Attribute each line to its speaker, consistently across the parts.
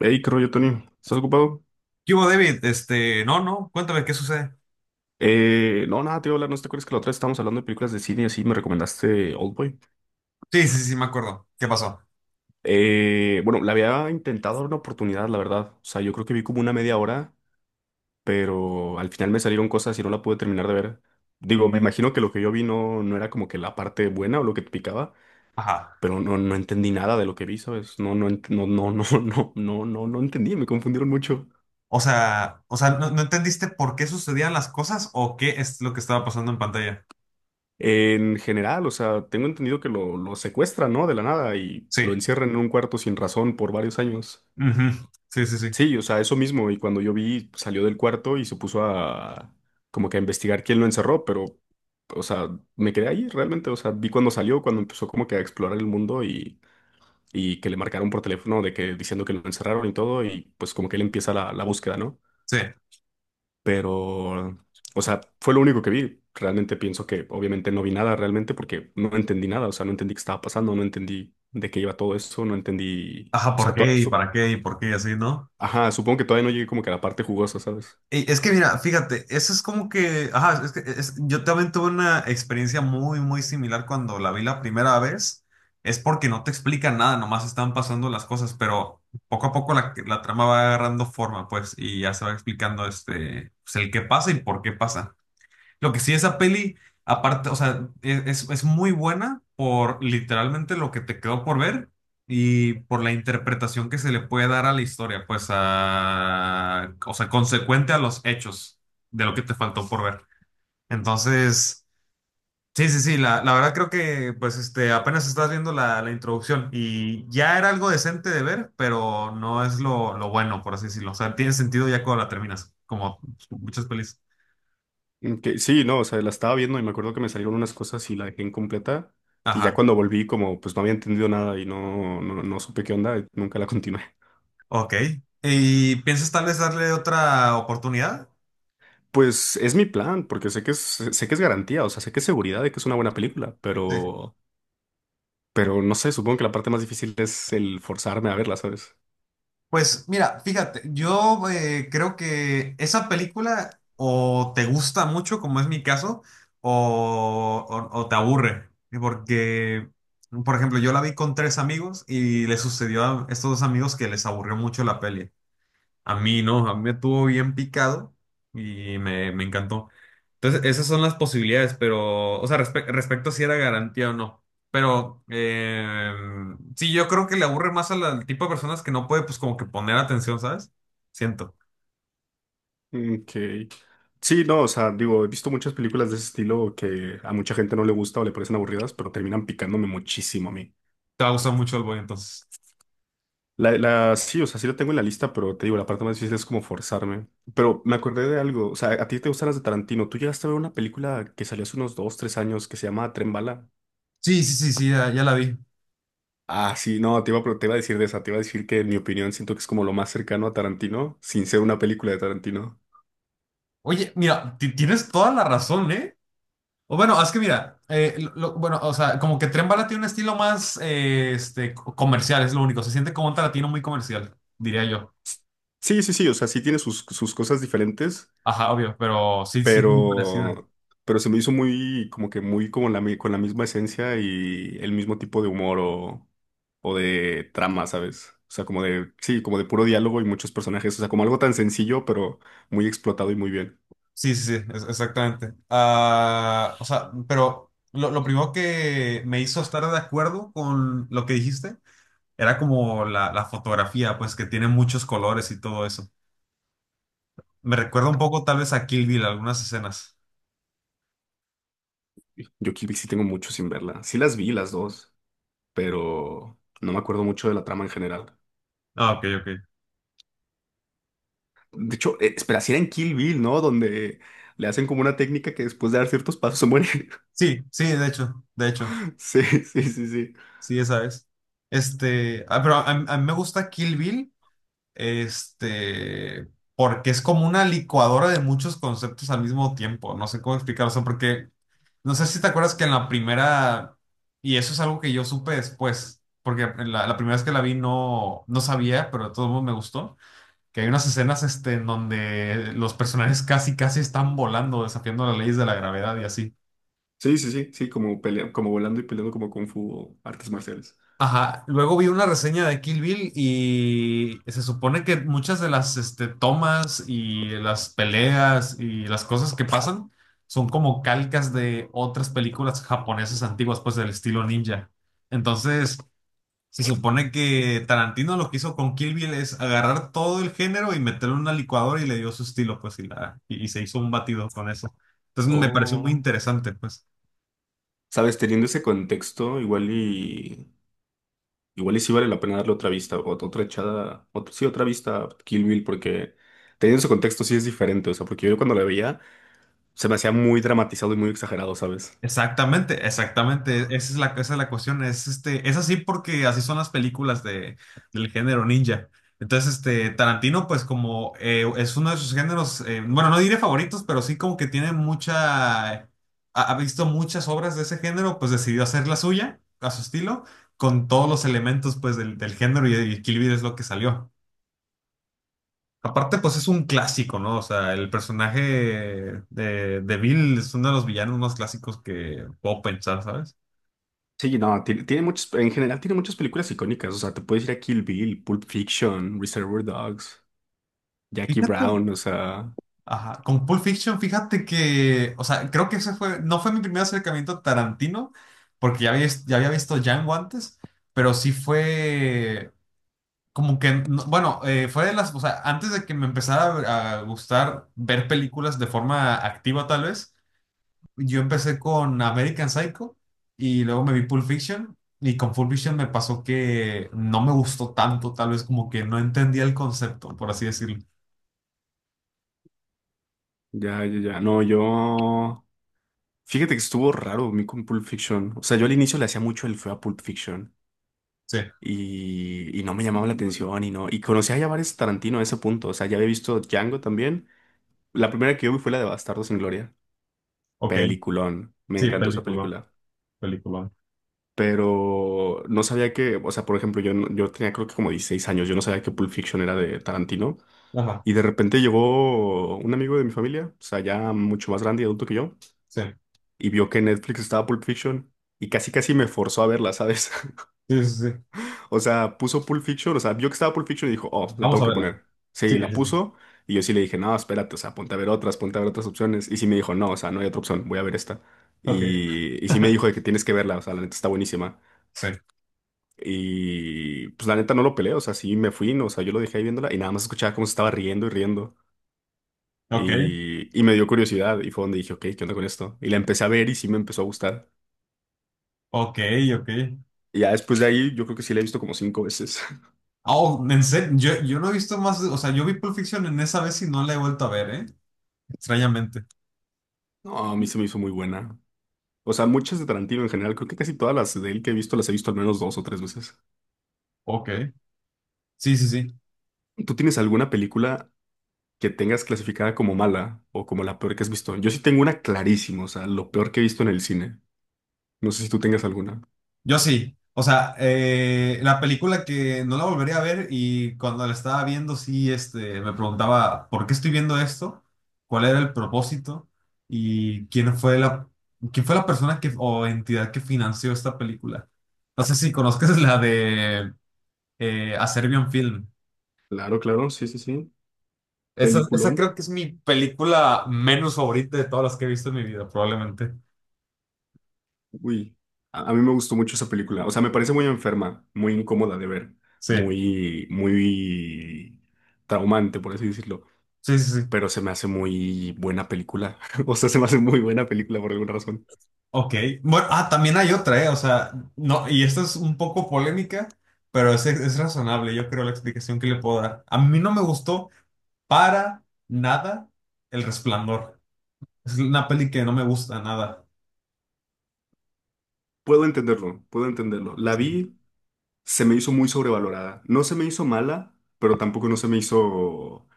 Speaker 1: Hey, ¿qué rollo, Tony? ¿Estás ocupado?
Speaker 2: ¿Qué hubo, David? Este, no, no, cuéntame qué sucede.
Speaker 1: No, nada, te iba a hablar, ¿no te acuerdas que la otra vez estábamos hablando de películas de cine y así me recomendaste Oldboy?
Speaker 2: Sí, me acuerdo. ¿Qué pasó?
Speaker 1: Bueno, le había intentado dar una oportunidad, la verdad. O sea, yo creo que vi como una media hora, pero al final me salieron cosas y no la pude terminar de ver. Digo, me imagino que lo que yo vi no era como que la parte buena o lo que te picaba,
Speaker 2: Ajá.
Speaker 1: pero no entendí nada de lo que vi, ¿sabes? No, no, no, no, no, no, no, no, no entendí, me confundieron mucho.
Speaker 2: O sea, ¿no entendiste por qué sucedían las cosas o qué es lo que estaba pasando en pantalla?
Speaker 1: En general, o sea, tengo entendido que lo secuestran, ¿no? De la nada y
Speaker 2: Sí.
Speaker 1: lo encierran en un cuarto sin razón por varios años.
Speaker 2: Ujú. Sí.
Speaker 1: Sí, o sea, eso mismo. Y cuando yo vi, salió del cuarto y se puso a como que a investigar quién lo encerró, pero, o sea, me quedé ahí realmente. O sea, vi cuando salió, cuando empezó como que a explorar el mundo y que le marcaron por teléfono de que diciendo que lo encerraron y todo, y pues como que él empieza la búsqueda, ¿no?
Speaker 2: Sí.
Speaker 1: Pero, o sea, fue lo único que vi. Realmente pienso que obviamente no vi nada realmente porque no entendí nada, o sea, no entendí qué estaba pasando, no entendí de qué iba todo eso, no entendí,
Speaker 2: Ajá,
Speaker 1: o
Speaker 2: ¿por
Speaker 1: sea,
Speaker 2: qué y para qué y por qué y así, ¿no?
Speaker 1: ajá, supongo que todavía no llegué como que a la parte jugosa, ¿sabes?
Speaker 2: Y es que mira, fíjate, eso es como que, ajá, es que yo también tuve una experiencia muy similar cuando la vi la primera vez. Es porque no te explican nada, nomás están pasando las cosas, pero poco a poco la trama va agarrando forma, pues, y ya se va explicando este, pues, el qué pasa y por qué pasa. Lo que sí, esa peli, aparte, o sea, es muy buena por literalmente lo que te quedó por ver y por la interpretación que se le puede dar a la historia, pues a, o sea, consecuente a los hechos de lo que te faltó por ver. Entonces, sí, la verdad creo que, pues, este, apenas estás viendo la introducción y ya era algo decente de ver, pero no es lo bueno, por así decirlo. O sea, tiene sentido ya cuando la terminas, como muchas pelis.
Speaker 1: Que sí, no, o sea, la estaba viendo y me acuerdo que me salieron unas cosas y la dejé incompleta y ya
Speaker 2: Ajá.
Speaker 1: cuando volví como pues no había entendido nada y no, no, no supe qué onda, y nunca la continué.
Speaker 2: Ok. ¿Y piensas tal vez darle otra oportunidad?
Speaker 1: Pues es mi plan, porque sé que es garantía, o sea, sé que es seguridad de que es una buena película,
Speaker 2: Sí.
Speaker 1: pero no sé, supongo que la parte más difícil es el forzarme a verla, ¿sabes?
Speaker 2: Pues mira, fíjate, yo creo que esa película o te gusta mucho, como es mi caso, o, o te aburre. Porque, por ejemplo, yo la vi con tres amigos y le sucedió a estos dos amigos que les aburrió mucho la peli. A mí no, a mí me tuvo bien picado y me encantó. Entonces, esas son las posibilidades, pero, o sea, respecto a si era garantía o no. Pero, sí, yo creo que le aburre más a al tipo de personas que no puede, pues, como que poner atención, ¿sabes? Siento.
Speaker 1: Que sí, no, o sea, digo, he visto muchas películas de ese estilo que a mucha gente no le gusta o le parecen aburridas, pero terminan picándome muchísimo a mí.
Speaker 2: Te va a gustar mucho el boy, entonces.
Speaker 1: La, sí, o sea, sí la tengo en la lista, pero te digo, la parte más difícil es como forzarme. Pero me acordé de algo, o sea, a ti te gustan las de Tarantino. ¿Tú llegaste a ver una película que salió hace unos dos, tres años que se llama Tren Bala?
Speaker 2: Sí, sí, sí, sí, ya, ya la vi.
Speaker 1: Ah, sí, no, te iba, te iba a decir de esa, te iba a decir que en mi opinión siento que es como lo más cercano a Tarantino, sin ser una película de Tarantino.
Speaker 2: Oye, mira, tienes toda la razón, ¿eh? O bueno, es que mira, bueno, o sea, como que Tren Bala tiene un estilo más, comercial, es lo único. Se siente como un Tarantino muy comercial, diría yo.
Speaker 1: Sí, sí, sí, o sea, sí tiene sus cosas diferentes,
Speaker 2: Ajá, obvio, pero sí, sí es muy parecida.
Speaker 1: pero, pero se me hizo muy, como que muy como con la misma esencia y el mismo tipo de humor o de trama, ¿sabes? O sea, como de, sí, como de puro diálogo y muchos personajes, o sea, como algo tan sencillo, pero muy explotado y muy bien.
Speaker 2: Exactamente. Ah, o sea, pero lo primero que me hizo estar de acuerdo con lo que dijiste era como la fotografía, pues que tiene muchos colores y todo eso. Me recuerda un poco tal vez a Kill Bill, algunas escenas.
Speaker 1: Yo Kill Bill sí tengo mucho sin verla. Sí las vi las dos, pero no me acuerdo mucho de la trama en general.
Speaker 2: Ah, ok, ok.
Speaker 1: De hecho, espera, si era en Kill Bill, ¿no? Donde le hacen como una técnica que después de dar ciertos pasos se muere.
Speaker 2: Sí, sí, de hecho,
Speaker 1: Sí, sí, sí, sí.
Speaker 2: sí, esa es. Este, ah, pero a mí me gusta Kill Bill. Este, porque es como una licuadora de muchos conceptos al mismo tiempo. No sé cómo explicarlo, o sea, porque no sé si te acuerdas que en la primera, y eso es algo que yo supe después, porque en la primera vez que la vi no sabía, pero de todos modos me gustó, que hay unas escenas este, en donde los personajes casi, casi están volando, desafiando las leyes de la gravedad y así.
Speaker 1: Sí, sí, sí, sí, como como volando y peleando como Kung Fu o artes marciales.
Speaker 2: Ajá, luego vi una reseña de Kill Bill y se supone que muchas de las este, tomas y las peleas y las cosas que pasan son como calcas de otras películas japonesas antiguas, pues del estilo ninja. Entonces, se supone que Tarantino lo que hizo con Kill Bill es agarrar todo el género y meterlo en una licuadora y le dio su estilo, pues, y, la, y se hizo un batido con eso. Entonces, me pareció muy
Speaker 1: Oh.
Speaker 2: interesante, pues.
Speaker 1: Sabes, teniendo ese contexto, igual y igual y sí vale la pena darle otra vista, otra echada, sí, otra vista a Kill Bill, porque teniendo ese contexto sí es diferente, o sea, porque yo cuando la veía se me hacía muy dramatizado y muy exagerado, ¿sabes?
Speaker 2: Exactamente, exactamente. Esa es la cuestión. Es, este, es así porque así son las películas de, del género ninja. Entonces, este, Tarantino, pues como es uno de sus géneros, bueno, no diré favoritos, pero sí como que tiene mucha, ha visto muchas obras de ese género, pues decidió hacer la suya, a su estilo, con todos los elementos, pues, del género y Kill Bill es lo que salió. Aparte, pues es un clásico, ¿no? O sea, el personaje de Bill es uno de los villanos más clásicos que puedo pensar, ¿sabes?
Speaker 1: Sí, no, tiene, muchas, en general tiene muchas películas icónicas, o sea, te puedes ir a Kill Bill, Pulp Fiction, Reservoir Dogs, Jackie
Speaker 2: Fíjate,
Speaker 1: Brown, o sea,
Speaker 2: ajá, con Pulp Fiction, fíjate que, o sea, creo que ese fue, no fue mi primer acercamiento a Tarantino, porque ya había, ya había visto Django antes, pero sí fue como que, bueno, fue de las, o sea, antes de que me empezara a gustar ver películas de forma activa tal vez, yo empecé con American Psycho y luego me vi Pulp Fiction y con Pulp Fiction me pasó que no me gustó tanto, tal vez como que no entendía el concepto, por así decirlo.
Speaker 1: ya, ya, ya, no, yo, fíjate que estuvo raro a mí con Pulp Fiction, o sea, yo al inicio le hacía mucho el feo a Pulp Fiction
Speaker 2: Sí,
Speaker 1: y no me llamaba la atención y no, y conocía ya varios Tarantino a ese punto, o sea, ya había visto Django también, la primera que yo vi fue la de Bastardos sin Gloria,
Speaker 2: ok.
Speaker 1: peliculón, me
Speaker 2: Sí,
Speaker 1: encantó esa
Speaker 2: película.
Speaker 1: película.
Speaker 2: Película.
Speaker 1: Pero no sabía que, o sea, por ejemplo, yo, yo tenía creo que como 16 años, yo no sabía que Pulp Fiction era de Tarantino,
Speaker 2: Ajá,
Speaker 1: y de repente llegó un amigo de mi familia, o sea, ya mucho más grande y adulto que yo,
Speaker 2: sí.
Speaker 1: y vio que en Netflix estaba Pulp Fiction, y casi casi me forzó a verla, ¿sabes?
Speaker 2: Sí, sí, sí.
Speaker 1: O sea, puso Pulp Fiction, o sea, vio que estaba Pulp Fiction y dijo, oh, la
Speaker 2: Vamos
Speaker 1: tengo
Speaker 2: a
Speaker 1: que
Speaker 2: verla.
Speaker 1: poner.
Speaker 2: Sí,
Speaker 1: Sí, la
Speaker 2: sí, sí.
Speaker 1: puso, y yo sí le dije, no, espérate, o sea, ponte a ver otras, ponte a ver otras opciones, y sí me dijo, no, o sea, no hay otra opción, voy a ver esta.
Speaker 2: Ok.
Speaker 1: Y sí me dijo de que tienes que verla, o sea, la neta está buenísima.
Speaker 2: Sí.
Speaker 1: Y pues la neta no lo peleé, o sea, sí me fui, no, o sea, yo lo dejé ahí viéndola y nada más escuchaba cómo se estaba riendo y riendo.
Speaker 2: Ok,
Speaker 1: Y me dio curiosidad y fue donde dije, ok, ¿qué onda con esto? Y la empecé a ver y sí me empezó a gustar.
Speaker 2: ok, ok.
Speaker 1: Y ya después de ahí yo creo que sí la he visto como cinco veces.
Speaker 2: Oh, en serio, yo no he visto más, o sea, yo vi Pulp Fiction en esa vez y no la he vuelto a ver, ¿eh? Extrañamente.
Speaker 1: No, a mí se me hizo muy buena. O sea, muchas de Tarantino en general, creo que casi todas las de él que he visto las he visto al menos dos o tres veces.
Speaker 2: Ok. Sí, sí, sí.
Speaker 1: ¿Tú tienes alguna película que tengas clasificada como mala o como la peor que has visto? Yo sí tengo una clarísima, o sea, lo peor que he visto en el cine. No sé si tú tengas alguna.
Speaker 2: Yo sí. O sea, la película que no la volvería a ver y cuando la estaba viendo, sí, este, me preguntaba, ¿por qué estoy viendo esto? ¿Cuál era el propósito? ¿Y quién fue la persona que, o entidad que financió esta película? No sé si conozcas la de A Serbian Film.
Speaker 1: Claro, claro, sí, sí, sí.
Speaker 2: Esa
Speaker 1: Peliculón.
Speaker 2: creo que es mi película menos favorita de todas las que he visto en mi vida, probablemente.
Speaker 1: Uy, a mí me gustó mucho esa película. O sea, me parece muy enferma, muy incómoda de ver,
Speaker 2: Sí,
Speaker 1: muy, muy traumante, por así decirlo.
Speaker 2: sí, sí, sí.
Speaker 1: Pero se me hace muy buena película. O sea, se me hace muy buena película por alguna razón.
Speaker 2: Ok. Bueno, ah, también hay otra, ¿eh? O sea, no, y esta es un poco polémica, pero es razonable, yo creo, la explicación que le puedo dar. A mí no me gustó para nada El Resplandor. Es una peli que no me gusta nada.
Speaker 1: Puedo entenderlo, puedo entenderlo. La
Speaker 2: Sí.
Speaker 1: vi, se me hizo muy sobrevalorada. No se me hizo mala, pero tampoco no se me hizo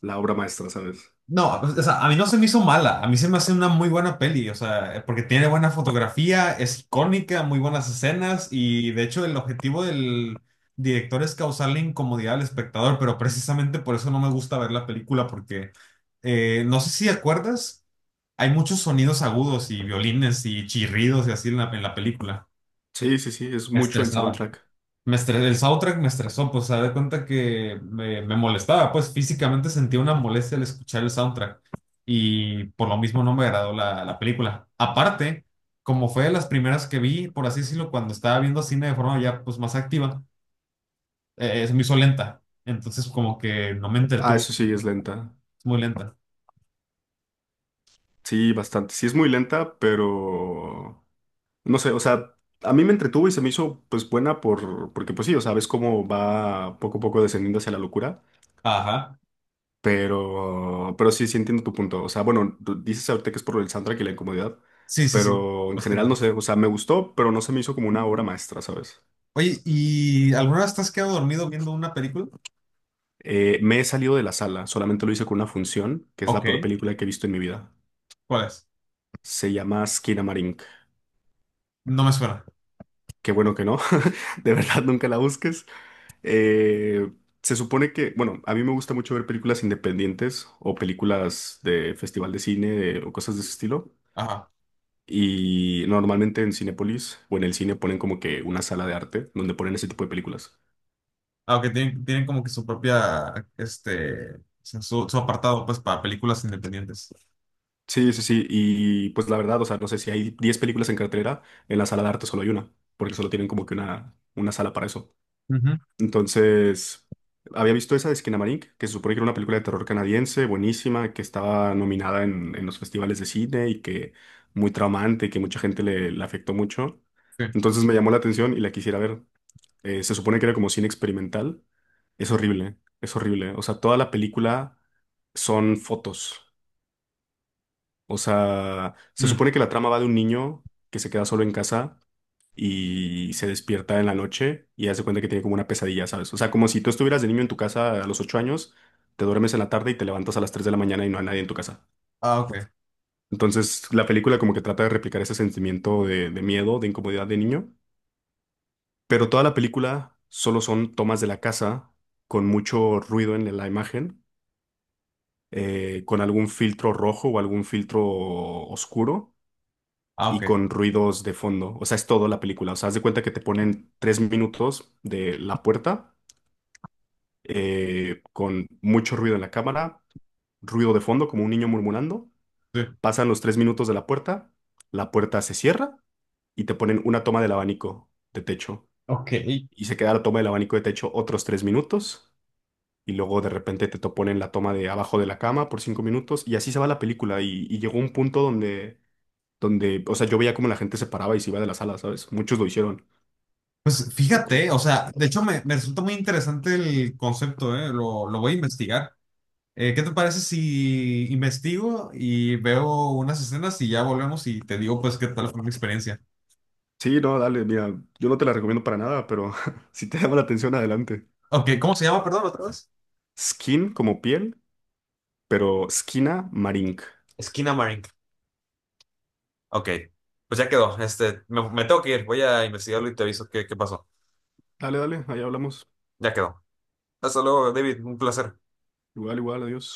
Speaker 1: la obra maestra, ¿sabes?
Speaker 2: No, o sea, a mí no se me hizo mala, a mí se me hace una muy buena peli, o sea, porque tiene buena fotografía, es icónica, muy buenas escenas y de hecho el objetivo del director es causarle incomodidad al espectador, pero precisamente por eso no me gusta ver la película porque no sé si acuerdas, hay muchos sonidos agudos y violines y chirridos y así en en la película.
Speaker 1: Sí, sí, sí, es
Speaker 2: Me
Speaker 1: mucho el
Speaker 2: estresaba.
Speaker 1: soundtrack.
Speaker 2: El soundtrack me estresó, pues se da cuenta que me molestaba, pues físicamente sentía una molestia al escuchar el soundtrack y por lo mismo no me agradó la película. Aparte, como fue de las primeras que vi, por así decirlo, cuando estaba viendo cine de forma ya pues más activa, se me hizo lenta, entonces como que no me
Speaker 1: Ah,
Speaker 2: entretuvo,
Speaker 1: eso sí, es lenta.
Speaker 2: es muy lenta.
Speaker 1: Sí, bastante. Sí, es muy lenta, pero... No sé, o sea, a mí me entretuvo y se me hizo pues buena por, porque pues sí, o sea, ves cómo va poco a poco descendiendo hacia la locura,
Speaker 2: Ajá,
Speaker 1: pero sí, sí entiendo tu punto. O sea, bueno, tú dices ahorita que es por el soundtrack y la incomodidad,
Speaker 2: sí,
Speaker 1: pero en
Speaker 2: más que
Speaker 1: general no
Speaker 2: nada.
Speaker 1: sé, o sea, me gustó, pero no se me hizo como una obra maestra, ¿sabes?
Speaker 2: Oye, ¿y alguna vez te has quedado dormido viendo una película?
Speaker 1: Me he salido de la sala, solamente lo hice con una función, que es la
Speaker 2: Ok,
Speaker 1: peor película que he visto en mi vida.
Speaker 2: ¿cuál es?
Speaker 1: Se llama Skinamarink.
Speaker 2: No me suena.
Speaker 1: Qué bueno que no. De verdad, nunca la busques. Eh, Se supone que, bueno, a mí me gusta mucho ver películas independientes o películas de festival de cine o cosas de ese estilo.
Speaker 2: Ajá.
Speaker 1: Y normalmente en Cinépolis o en el cine ponen como que una sala de arte donde ponen ese tipo de películas.
Speaker 2: Aunque tienen, tienen como que su propia, este, o sea, su apartado, pues, para películas independientes.
Speaker 1: Sí, sí, sí. Y pues la verdad, o sea, no sé si hay 10 películas en cartelera, en la sala de arte solo hay una, porque solo tienen como que una sala para eso.
Speaker 2: Ujú,
Speaker 1: Entonces, había visto esa de Skinamarink, que se supone que era una película de terror canadiense, buenísima, que estaba nominada en los festivales de cine y que muy traumante, que mucha gente le, le afectó mucho.
Speaker 2: sí.
Speaker 1: Entonces me llamó la atención y la quisiera ver. Se supone que era como cine experimental. Es horrible, es horrible. O sea, toda la película son fotos. O sea, se
Speaker 2: Mm.
Speaker 1: supone que la trama va de un niño que se queda solo en casa y se despierta en la noche y hace cuenta que tiene como una pesadilla, ¿sabes? O sea, como si tú estuvieras de niño en tu casa a los 8 años, te duermes en la tarde y te levantas a las 3 de la mañana y no hay nadie en tu casa.
Speaker 2: Ah, ok.
Speaker 1: Entonces, la película como que trata de replicar ese sentimiento de miedo, de incomodidad de niño, pero toda la película solo son tomas de la casa con mucho ruido en la imagen, con algún filtro rojo o algún filtro oscuro
Speaker 2: Ah,
Speaker 1: y
Speaker 2: ok.
Speaker 1: con ruidos de fondo. O sea, es todo la película. O sea, haz de cuenta que te ponen 3 minutos de la puerta con mucho ruido en la cámara, ruido de fondo como un niño murmurando.
Speaker 2: Sí.
Speaker 1: Pasan los 3 minutos de la puerta se cierra y te ponen una toma del abanico de techo.
Speaker 2: Ok.
Speaker 1: Y se queda la toma del abanico de techo otros 3 minutos. Y luego de repente te ponen la toma de abajo de la cama por 5 minutos. Y así se va la película. Y llegó un punto donde, donde, o sea, yo veía cómo la gente se paraba y se iba de la sala, ¿sabes? Muchos lo hicieron.
Speaker 2: Pues fíjate, o sea, de hecho me, me resulta muy interesante el concepto, ¿eh? Lo voy a investigar. ¿Qué te parece si investigo y veo unas escenas y ya volvemos y te digo, pues, qué tal fue mi experiencia?
Speaker 1: Sí, no, dale, mira, yo no te la recomiendo para nada, pero si te llama la atención, adelante.
Speaker 2: Ok, ¿cómo se llama? Perdón, otra vez.
Speaker 1: Skin como piel, pero Skina Marink.
Speaker 2: Esquina Marink. Ok, pues ya quedó. Este, me tengo que ir. Voy a investigarlo y te aviso qué, qué pasó.
Speaker 1: Dale, dale, ahí hablamos.
Speaker 2: Ya quedó. Hasta luego, David, un placer.
Speaker 1: Igual, igual, adiós.